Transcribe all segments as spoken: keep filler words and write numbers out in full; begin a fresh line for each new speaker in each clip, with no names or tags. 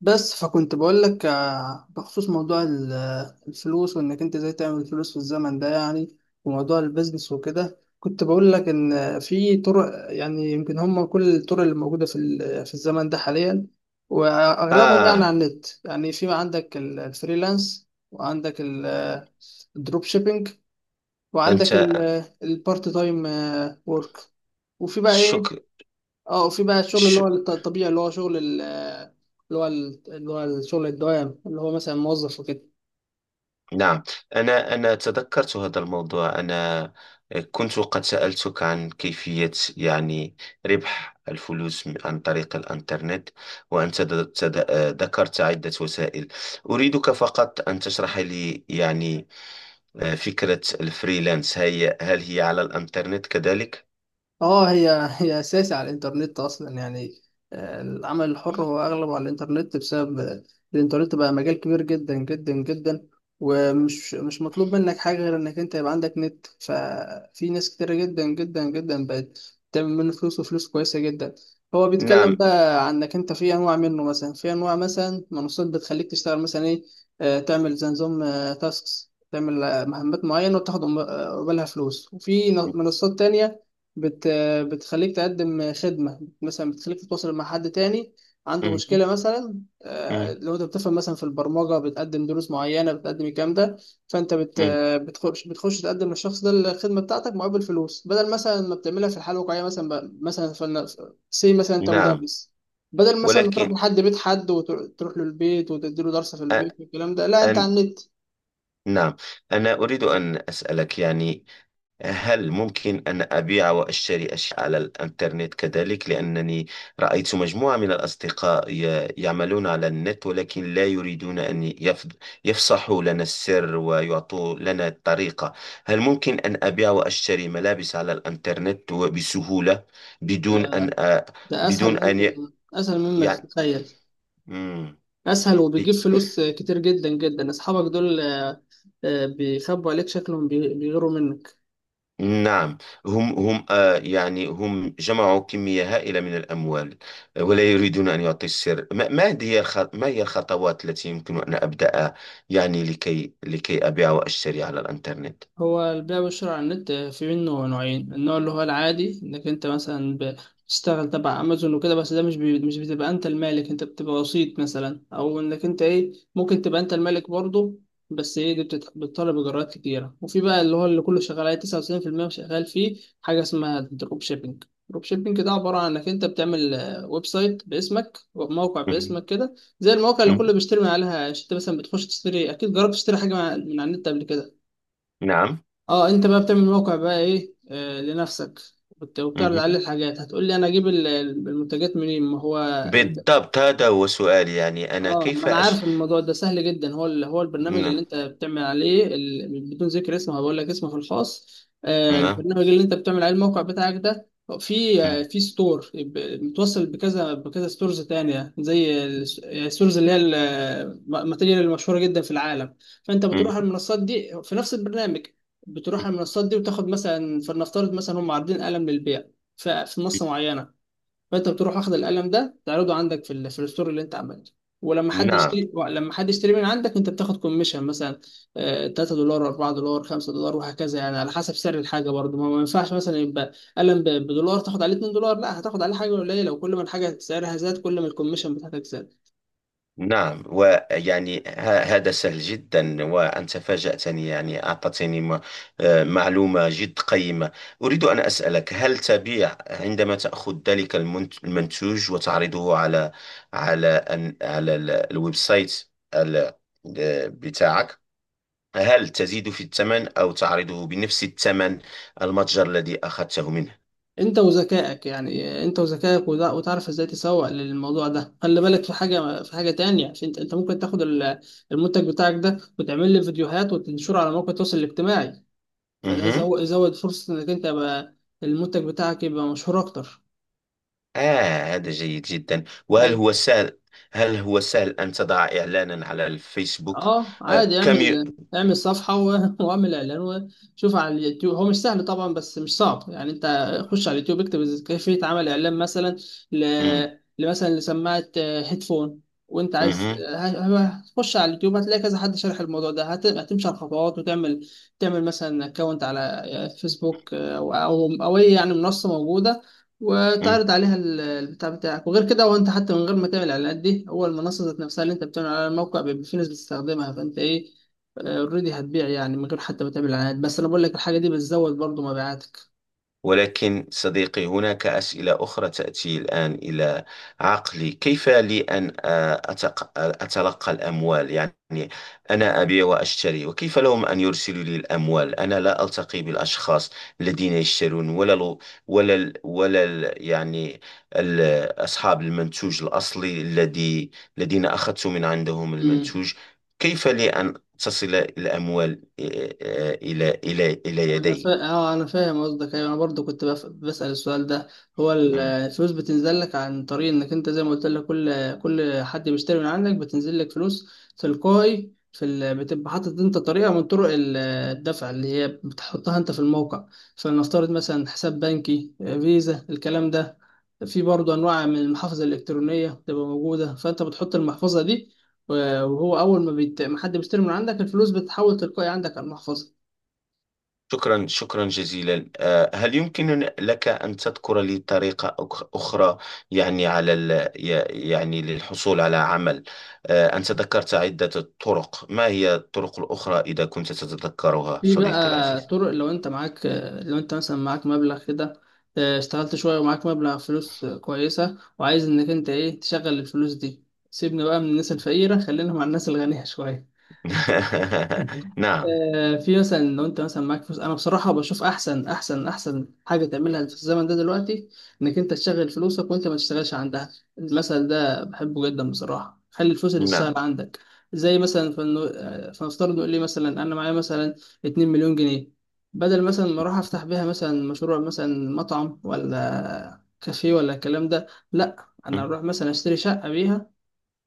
بس فكنت بقول لك آه، بخصوص موضوع ال- الفلوس وانك انت ازاي تعمل فلوس في الزمن ده يعني. وموضوع البيزنس وكده كنت بقول لك ان في طرق يعني يمكن هم كل الطرق اللي موجوده في ال- في الزمن ده حاليا، واغلبهم يعني على
آه
النت. يعني في عندك ال- الفريلانس، وعندك ال- الدروب شيبينج،
أنت
وعندك ال- البارت تايم آه، وورك، وفي بقى ايه.
شك
اه، وفي بقى الشغل اللي
ش...
هو الط- الطبيعي اللي هو شغل ال- اللي هو ال- اللي هو الشغل الدوام اللي هو مثلا موظف وكده.
نعم. أنا أنا تذكرت هذا الموضوع. أنا كنت قد سألتك عن كيفية يعني ربح الفلوس م- عن طريق الإنترنت. وأنت د- تد... آه، ذكرت عدة وسائل. أريدك فقط أن تشرح لي يعني آه، فكرة الفريلانس، هي هل هي على الإنترنت كذلك؟
اه، هي هي اساسي على الانترنت اصلا يعني. آه، العمل الحر هو اغلبه على الانترنت بسبب آه، الانترنت بقى مجال كبير جدا جدا جدا، ومش مش مطلوب منك حاجه غير انك انت يبقى عندك نت، ففي ناس كتير جدا جدا جدا بقت تعمل منه فلوس، وفلوس كويسه جدا. هو بيتكلم
نعم.
بقى عن انك انت في انواع منه، مثلا في انواع مثلا منصات بتخليك تشتغل مثلا ايه، آه، تعمل زي نظام تاسكس، تعمل آه، مهمات معينه وتاخد قبالها فلوس. وفي ن- منصات تانية بت بتخليك تقدم خدمة، مثلا بتخليك تتواصل مع حد تاني عنده
مم.
مشكلة مثلا. آه،
مم.
لو انت بتفهم مثلا في البرمجة، بتقدم دروس معينة، بتقدم الكلام ده. فانت بت
مم.
بتخش بتخش تقدم للشخص ده الخدمة بتاعتك مقابل فلوس، بدل مثلا ما بتعملها في الحياة الواقعية. مثلا ب- مثلا فلنا سي مثلا انت
نعم.
مدرس، بدل مثلا ما تروح
ولكن
لحد بيت حد وتروح له البيت وتديله درس في
أ-
البيت والكلام ده، لا، انت
أن-
على النت.
نعم، أنا أريد أن أسألك يعني هل ممكن أن أبيع وأشتري أشياء على الإنترنت كذلك؟ لأنني رأيت مجموعة من الأصدقاء ي- يعملون على النت، ولكن لا يريدون أن يف- يفصحوا لنا السر ويعطوا لنا الطريقة. هل ممكن أن أبيع وأشتري ملابس على الإنترنت وبسهولة
ده
بدون أن أ...
ده اسهل،
بدون أن ي...
ممكن اسهل مما
يعني؟
تتخيل.
مم.
اسهل وبيجيب فلوس كتير جدا جدا. اصحابك دول آه، آه، بيخبوا عليك، شكلهم بي- بيغيروا منك.
نعم. هم هم آه يعني هم جمعوا كمية هائلة من الأموال، آه، ولا يريدون أن يعطي السر. ما, ما هي الخ- ما هي الخطوات التي يمكن أن أبدأ، يعني لكي لكي أبيع وأشتري على الإنترنت؟
هو البيع والشراء على النت في منه نوعين: النوع اللي هو العادي انك انت مثلا ب- بتشتغل تبع امازون وكده، بس ده مش بي... مش بتبقى انت المالك، انت بتبقى وسيط مثلا، او انك انت ايه ممكن تبقى انت المالك برضه، بس ايه دي بتت... بتطلب اجراءات كتيره. وفي بقى اللي هو اللي كله شغال عليه تسعة وتسعين بالمية شغال فيه، حاجه اسمها دروب شيبينج. دروب شيبينج ده عباره عن انك انت بتعمل آه، ويب سايت باسمك وموقع
مهم.
باسمك كده، زي المواقع اللي كله
مهم.
بيشتري من عليها. يعني انت مثلا بتخش تشتري، اكيد جربت تشتري حاجه من على من على النت قبل كده.
نعم.
اه، انت بقى بتعمل موقع بقى ايه آه لنفسك، وبت- وبتعرض عليه
مهم.
الحاجات. هتقول لي انا اجيب ال- المنتجات منين؟ ما هو
بالضبط هذا هو سؤالي، يعني أنا
اه، ما
كيف
انا
أش...
عارف، الموضوع ده سهل جدا. هو ال... هو البرنامج اللي
نعم.
انت بتعمل عليه ال... بدون ذكر اسمه، هقول لك اسمه في الخاص. آه،
نعم.
البرنامج اللي انت بتعمل عليه الموقع بتاعك ده في آه
مهم.
في ستور ب... متوصل بكذا بكذا ستورز تانية، زي الس- الستورز اللي هي ال- الماتيريال المشهورة جدا في العالم. فانت
مهم.
بتروح على المنصات دي في نفس البرنامج، بتروح على المنصات دي وتاخد مثلا، فلنفترض مثلا هم عارضين قلم للبيع ف- في منصة معينة، فانت بتروح اخد القلم ده تعرضه عندك في ال في الستور اللي انت عملته. ولما حد
نعم.
يشتري لما حد يشتري من عندك، انت بتاخد كوميشن مثلا آه، تلات دولار، أربعة دولار، خمسة دولار، وهكذا، يعني على حسب سعر الحاجه برضه. ما ما ينفعش مثلا يبقى قلم ب- بدولار تاخد عليه اتنين دولار، لا، هتاخد عليه حاجه قليله، وكل ما الحاجه سعرها زاد كل ما الكوميشن بتاعتك زاد.
نعم، ويعني ه- هذا سهل جدا وأنت فاجأتني، يعني أعطتني م- آه، معلومة جد قيمة. أريد أن أسألك، هل تبيع عندما تأخذ ذلك المنت- المنتوج وتعرضه على على أن- على ال- الويب سايت ال- آه، بتاعك؟ هل تزيد في الثمن أو تعرضه بنفس الثمن المتجر الذي أخذته
انت وذكائك يعني، آه، انت وذكائك، وده- وتعرف ازاي تسوق للموضوع ده. خلي بالك في حاجه، في حاجه تانية، عشان انت انت ممكن تاخد ال- المنتج بتاعك ده وتعمل له فيديوهات وتنشره على مواقع التواصل الاجتماعي، فده
منه؟
يزود يزود فرصة انك انت يبقى المنتج بتاعك يبقى مشهور اكتر.
آه هذا جيد جدا.
اي،
وهل هو سهل هل هو سهل أن تضع إعلانا على الفيسبوك؟
اه
آه
عادي،
كم ي...
اعمل اعمل صفحة و- واعمل اعلان، وشوف على اليوتيوب. هو مش سهل طبعا بس مش صعب يعني. انت خش على اليوتيوب اكتب إز- كيفية عمل اعلان مثلا ل...
مم.
مثلا لسماعة آه، هيدفون وانت عايز، هتخش على اليوتيوب هتلاقي كذا حد شارح الموضوع ده، هت- هتمشي على الخطوات وتعمل، تعمل مثلا اكونت على آه، فيسبوك، آه، او او أو اي يعني منصة موجودة، وتعرض
مهم.
عليها ال- البتاع بتاعك. وغير كده، وانت حتى من غير ما تعمل الاعلانات دي، هو المنصه ذات نفسها اللي انت بتعمل على الموقع بيبقى في ناس بتستخدمها، فانت ايه اوريدي هتبيع، يعني من غير حتى ما تعمل اعلانات، بس انا بقول لك الحاجه دي بتزود برضو مبيعاتك.
ولكن صديقي، هناك أسئلة أخرى تأتي الآن إلى عقلي. كيف لي أن آه، أتق- أتلقى الأموال؟ يعني أنا أبيع وأشتري، وكيف لهم أن يرسلوا لي الأموال؟ أنا لا ألتقي بالأشخاص الذين يشترون ولا ال ولا ال ولا ال يعني ال أصحاب المنتوج الأصلي الذي الذين أخذت من عندهم المنتوج. كيف لي أن تصل الأموال آه، آه، إلى إلى إلى
انا
يدي؟
فا... اه انا فاهم قصدك. ايوه انا برضو كنت بف... بسأل السؤال ده. هو ال- الفلوس بتنزل لك عن طريق انك انت زي ما قلت لك، كل كل حد بيشتري من عندك بتنزل لك فلوس تلقائي. في ال... بتبقى حاطط انت طريقه من طرق ال- الدفع اللي هي بتحطها انت في الموقع، فلنفترض مثلا حساب بنكي، فيزا، الكلام ده. في برضو انواع من المحافظ الالكترونيه بتبقى موجوده، فانت بتحط المحفظه دي، وهو اول ما بيت... ما حد بيشتري من عندك الفلوس بتتحول تلقائي عندك على المحفظه.
شكرا، شكرا جزيلا. آه، هل يمكن لك أن تذكر لي طريقة أخ- أخرى، يعني على ال... ي- يعني للحصول على عمل؟ آه، أنت ذكرت عدة طرق، ما هي الطرق الأخرى إذا كنت تتذكرها
في
صديقي
بقى
العزيز؟
طرق لو انت معاك، لو انت مثلا معاك مبلغ كده، اه، اشتغلت شوية ومعاك مبلغ فلوس كويسة وعايز انك انت ايه تشغل الفلوس دي. سيبنا بقى من الناس الفقيرة، خلينا مع الناس الغنية شوية.
نعم.
آه، في مثلا لو انت مثلا معاك فلوس، انا بصراحه بشوف احسن احسن احسن حاجه تعملها في الزمن ده دلوقتي انك انت تشغل فلوسك وانت ما تشتغلش عندها. المثل ده بحبه جدا بصراحه: خلي الفلوس اللي تشتغل
نعم.
عندك. زي مثلا فنو... آه، فنفترض نقول لي مثلا انا معايا مثلا اتنين مليون جنيه، بدل مثلا ما اروح افتح بيها مثلا مشروع مثلا مطعم ولا كافيه ولا الكلام ده، لا، انا اروح مثلا اشتري شقه بيها،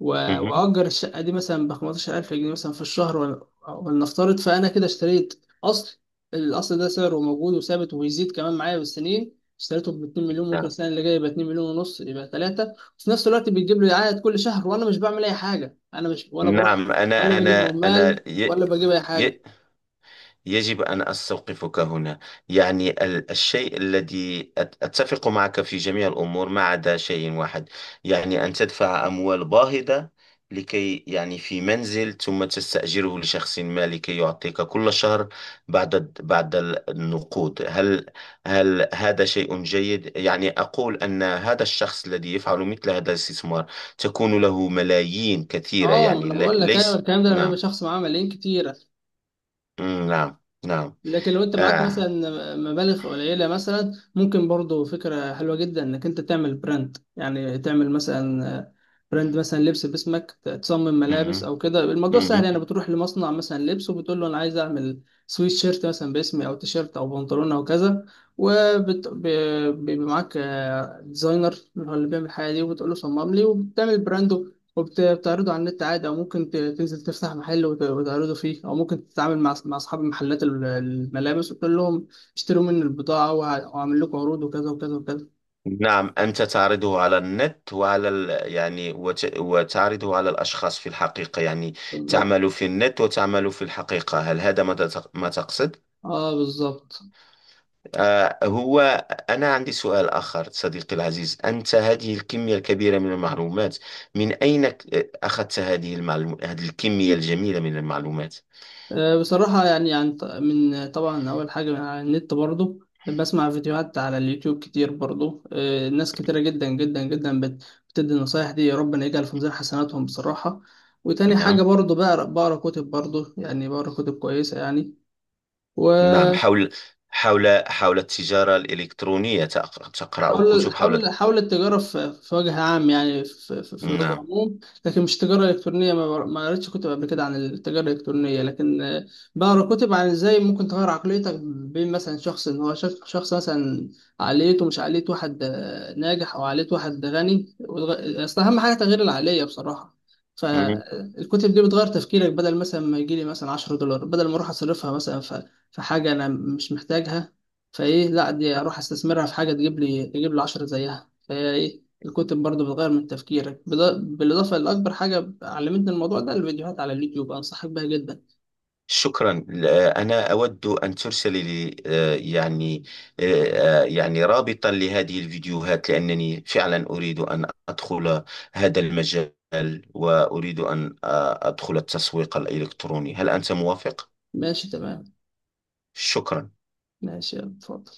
و-
مهم.
واجر الشقه دي مثلا ب خمستاشر الف جنيه مثلا في الشهر. ول- ولنفترض، فانا كده اشتريت اصل. الاصل ده سعره موجود وثابت وبيزيد كمان معايا بالسنين، اشتريته ب اتنين مليون، ممكن
نعم.
السنه اللي جايه يبقى اتنين مليون ونص، يبقى ثلاثة، وفي نفس الوقت بيجيب لي عائد كل شهر وانا مش بعمل اي حاجه، انا مش ولا بروح
نعم.
ولا
أنا
بجيب
أنا
عمال
أنا ي...
ولا بجيب اي حاجه.
ي... يجب أن أستوقفك هنا. يعني ال- الشيء الذي أت- أتفق معك في جميع الأمور ما عدا شيء واحد، يعني أن تدفع أموال باهظة لكي يعني في منزل ثم تستأجره لشخص ما لكي يعطيك كل شهر بعد الد- بعد ال- النقود. هل هل هذا شيء جيد؟ يعني أقول أن هذا الشخص الذي يفعل مثل هذا الاستثمار تكون له ملايين كثيرة،
اه، ما
يعني
انا
لي-
بقول لك ايوه
ليس.
الكلام ده لما يبقى
نعم.
شخص معاه ملايين كتير،
مم، نعم. نعم.
لكن لو انت معاك مثلا
آه.
مبالغ قليله مثلا، ممكن برضو فكره حلوه جدا انك انت تعمل براند، يعني تعمل مثلا براند مثلا لبس باسمك، تصمم ملابس
مهم.
او كده. الموضوع سهل يعني،
مهم.
بتروح لمصنع مثلا لبس وبتقول له انا عايز اعمل سويت شيرت مثلا باسمي او تيشيرت او بنطلون او كذا، وبيبقى معاك ديزاينر اللي هو اللي بيعمل الحاجه دي وبتقول له صمم لي، وبتعمل براند وبتعرضه على النت عادي، او ممكن ت- تنزل تفتح محل وت- وتعرضه فيه، او ممكن تتعامل مع مع اصحاب محلات ال- الملابس وتقول لهم اشتروا مني البضاعه، وه- وهعمل لكم عروض وكذا وكذا وكذا.
نعم، أنت تعرضه على النت وعلى ال... يعني وت... وتعرضه على الأشخاص في الحقيقة، يعني
بالظبط.
تعمل في النت وتعمل في الحقيقة، هل هذا ما, تت... ما تقصد؟
اه بالظبط.
آه هو أنا عندي سؤال آخر، صديقي العزيز، أنت هذه الكمية الكبيرة من المعلومات، من أين ك- أخذت هذه المعلوم... هذه الكمية الجميلة من المعلومات؟
آه بصراحه يعني عن ط- من طبعا اول حاجه من على النت برضه، بسمع فيديوهات على اليوتيوب كتير برضه. آه ناس كتيره جدا جدا جدا بت- بتدي النصايح دي، ربنا يجعل في ميزان حسناتهم بصراحه. وتاني حاجه
نعم.
برضه بقرا بقرا كتب برضه، يعني بقرا كتب كويسه يعني. و
نعم، حول حول حول التجارة الإلكترونية، تق- تقرأ
حول
كتب
حول
حول؟
حول التجارة في في وجه عام يعني في في في وجه
نعم.
عموم. لكن مش تجارة إلكترونية، ما بر- ما قريتش كتب قبل كده عن التجارة الإلكترونية، لكن آه، بقرا كتب عن إزاي ممكن تغير عقليتك، بين مثلا شخص إن هو شخص شخص مثلا عقليته مش عقلية واحد آه، ناجح، أو عقلية واحد غني. وتغ- أصل أهم حاجة تغيير العقلية بصراحة،
مم.
فالكتب دي بتغير تفكيرك. بدل مثلا ما يجيلي مثلا عشر دولار، بدل ما أروح أصرفها مثلا في في حاجة أنا مش محتاجها، فايه؟ لا، دي اروح استثمرها في حاجه تجيب لي تجيب لي عشر زيها. فهي ايه، الكتب برضه بتغير من تفكيرك، بض- بالاضافه لاكبر حاجه علمتني الموضوع ده الفيديوهات على اليوتيوب، انصحك بيها جدا.
شكرا. آه، أنا أود أن ترسل لي آه، يعني آه، آه، يعني رابطا لهذه الفيديوهات، لأنني فعلا أريد أن أدخل هذا المجال، وأريد أن آه، أدخل التسويق الإلكتروني، هل أنت موافق؟
ماشي تمام.
شكرا.
ماشي، اتفضل.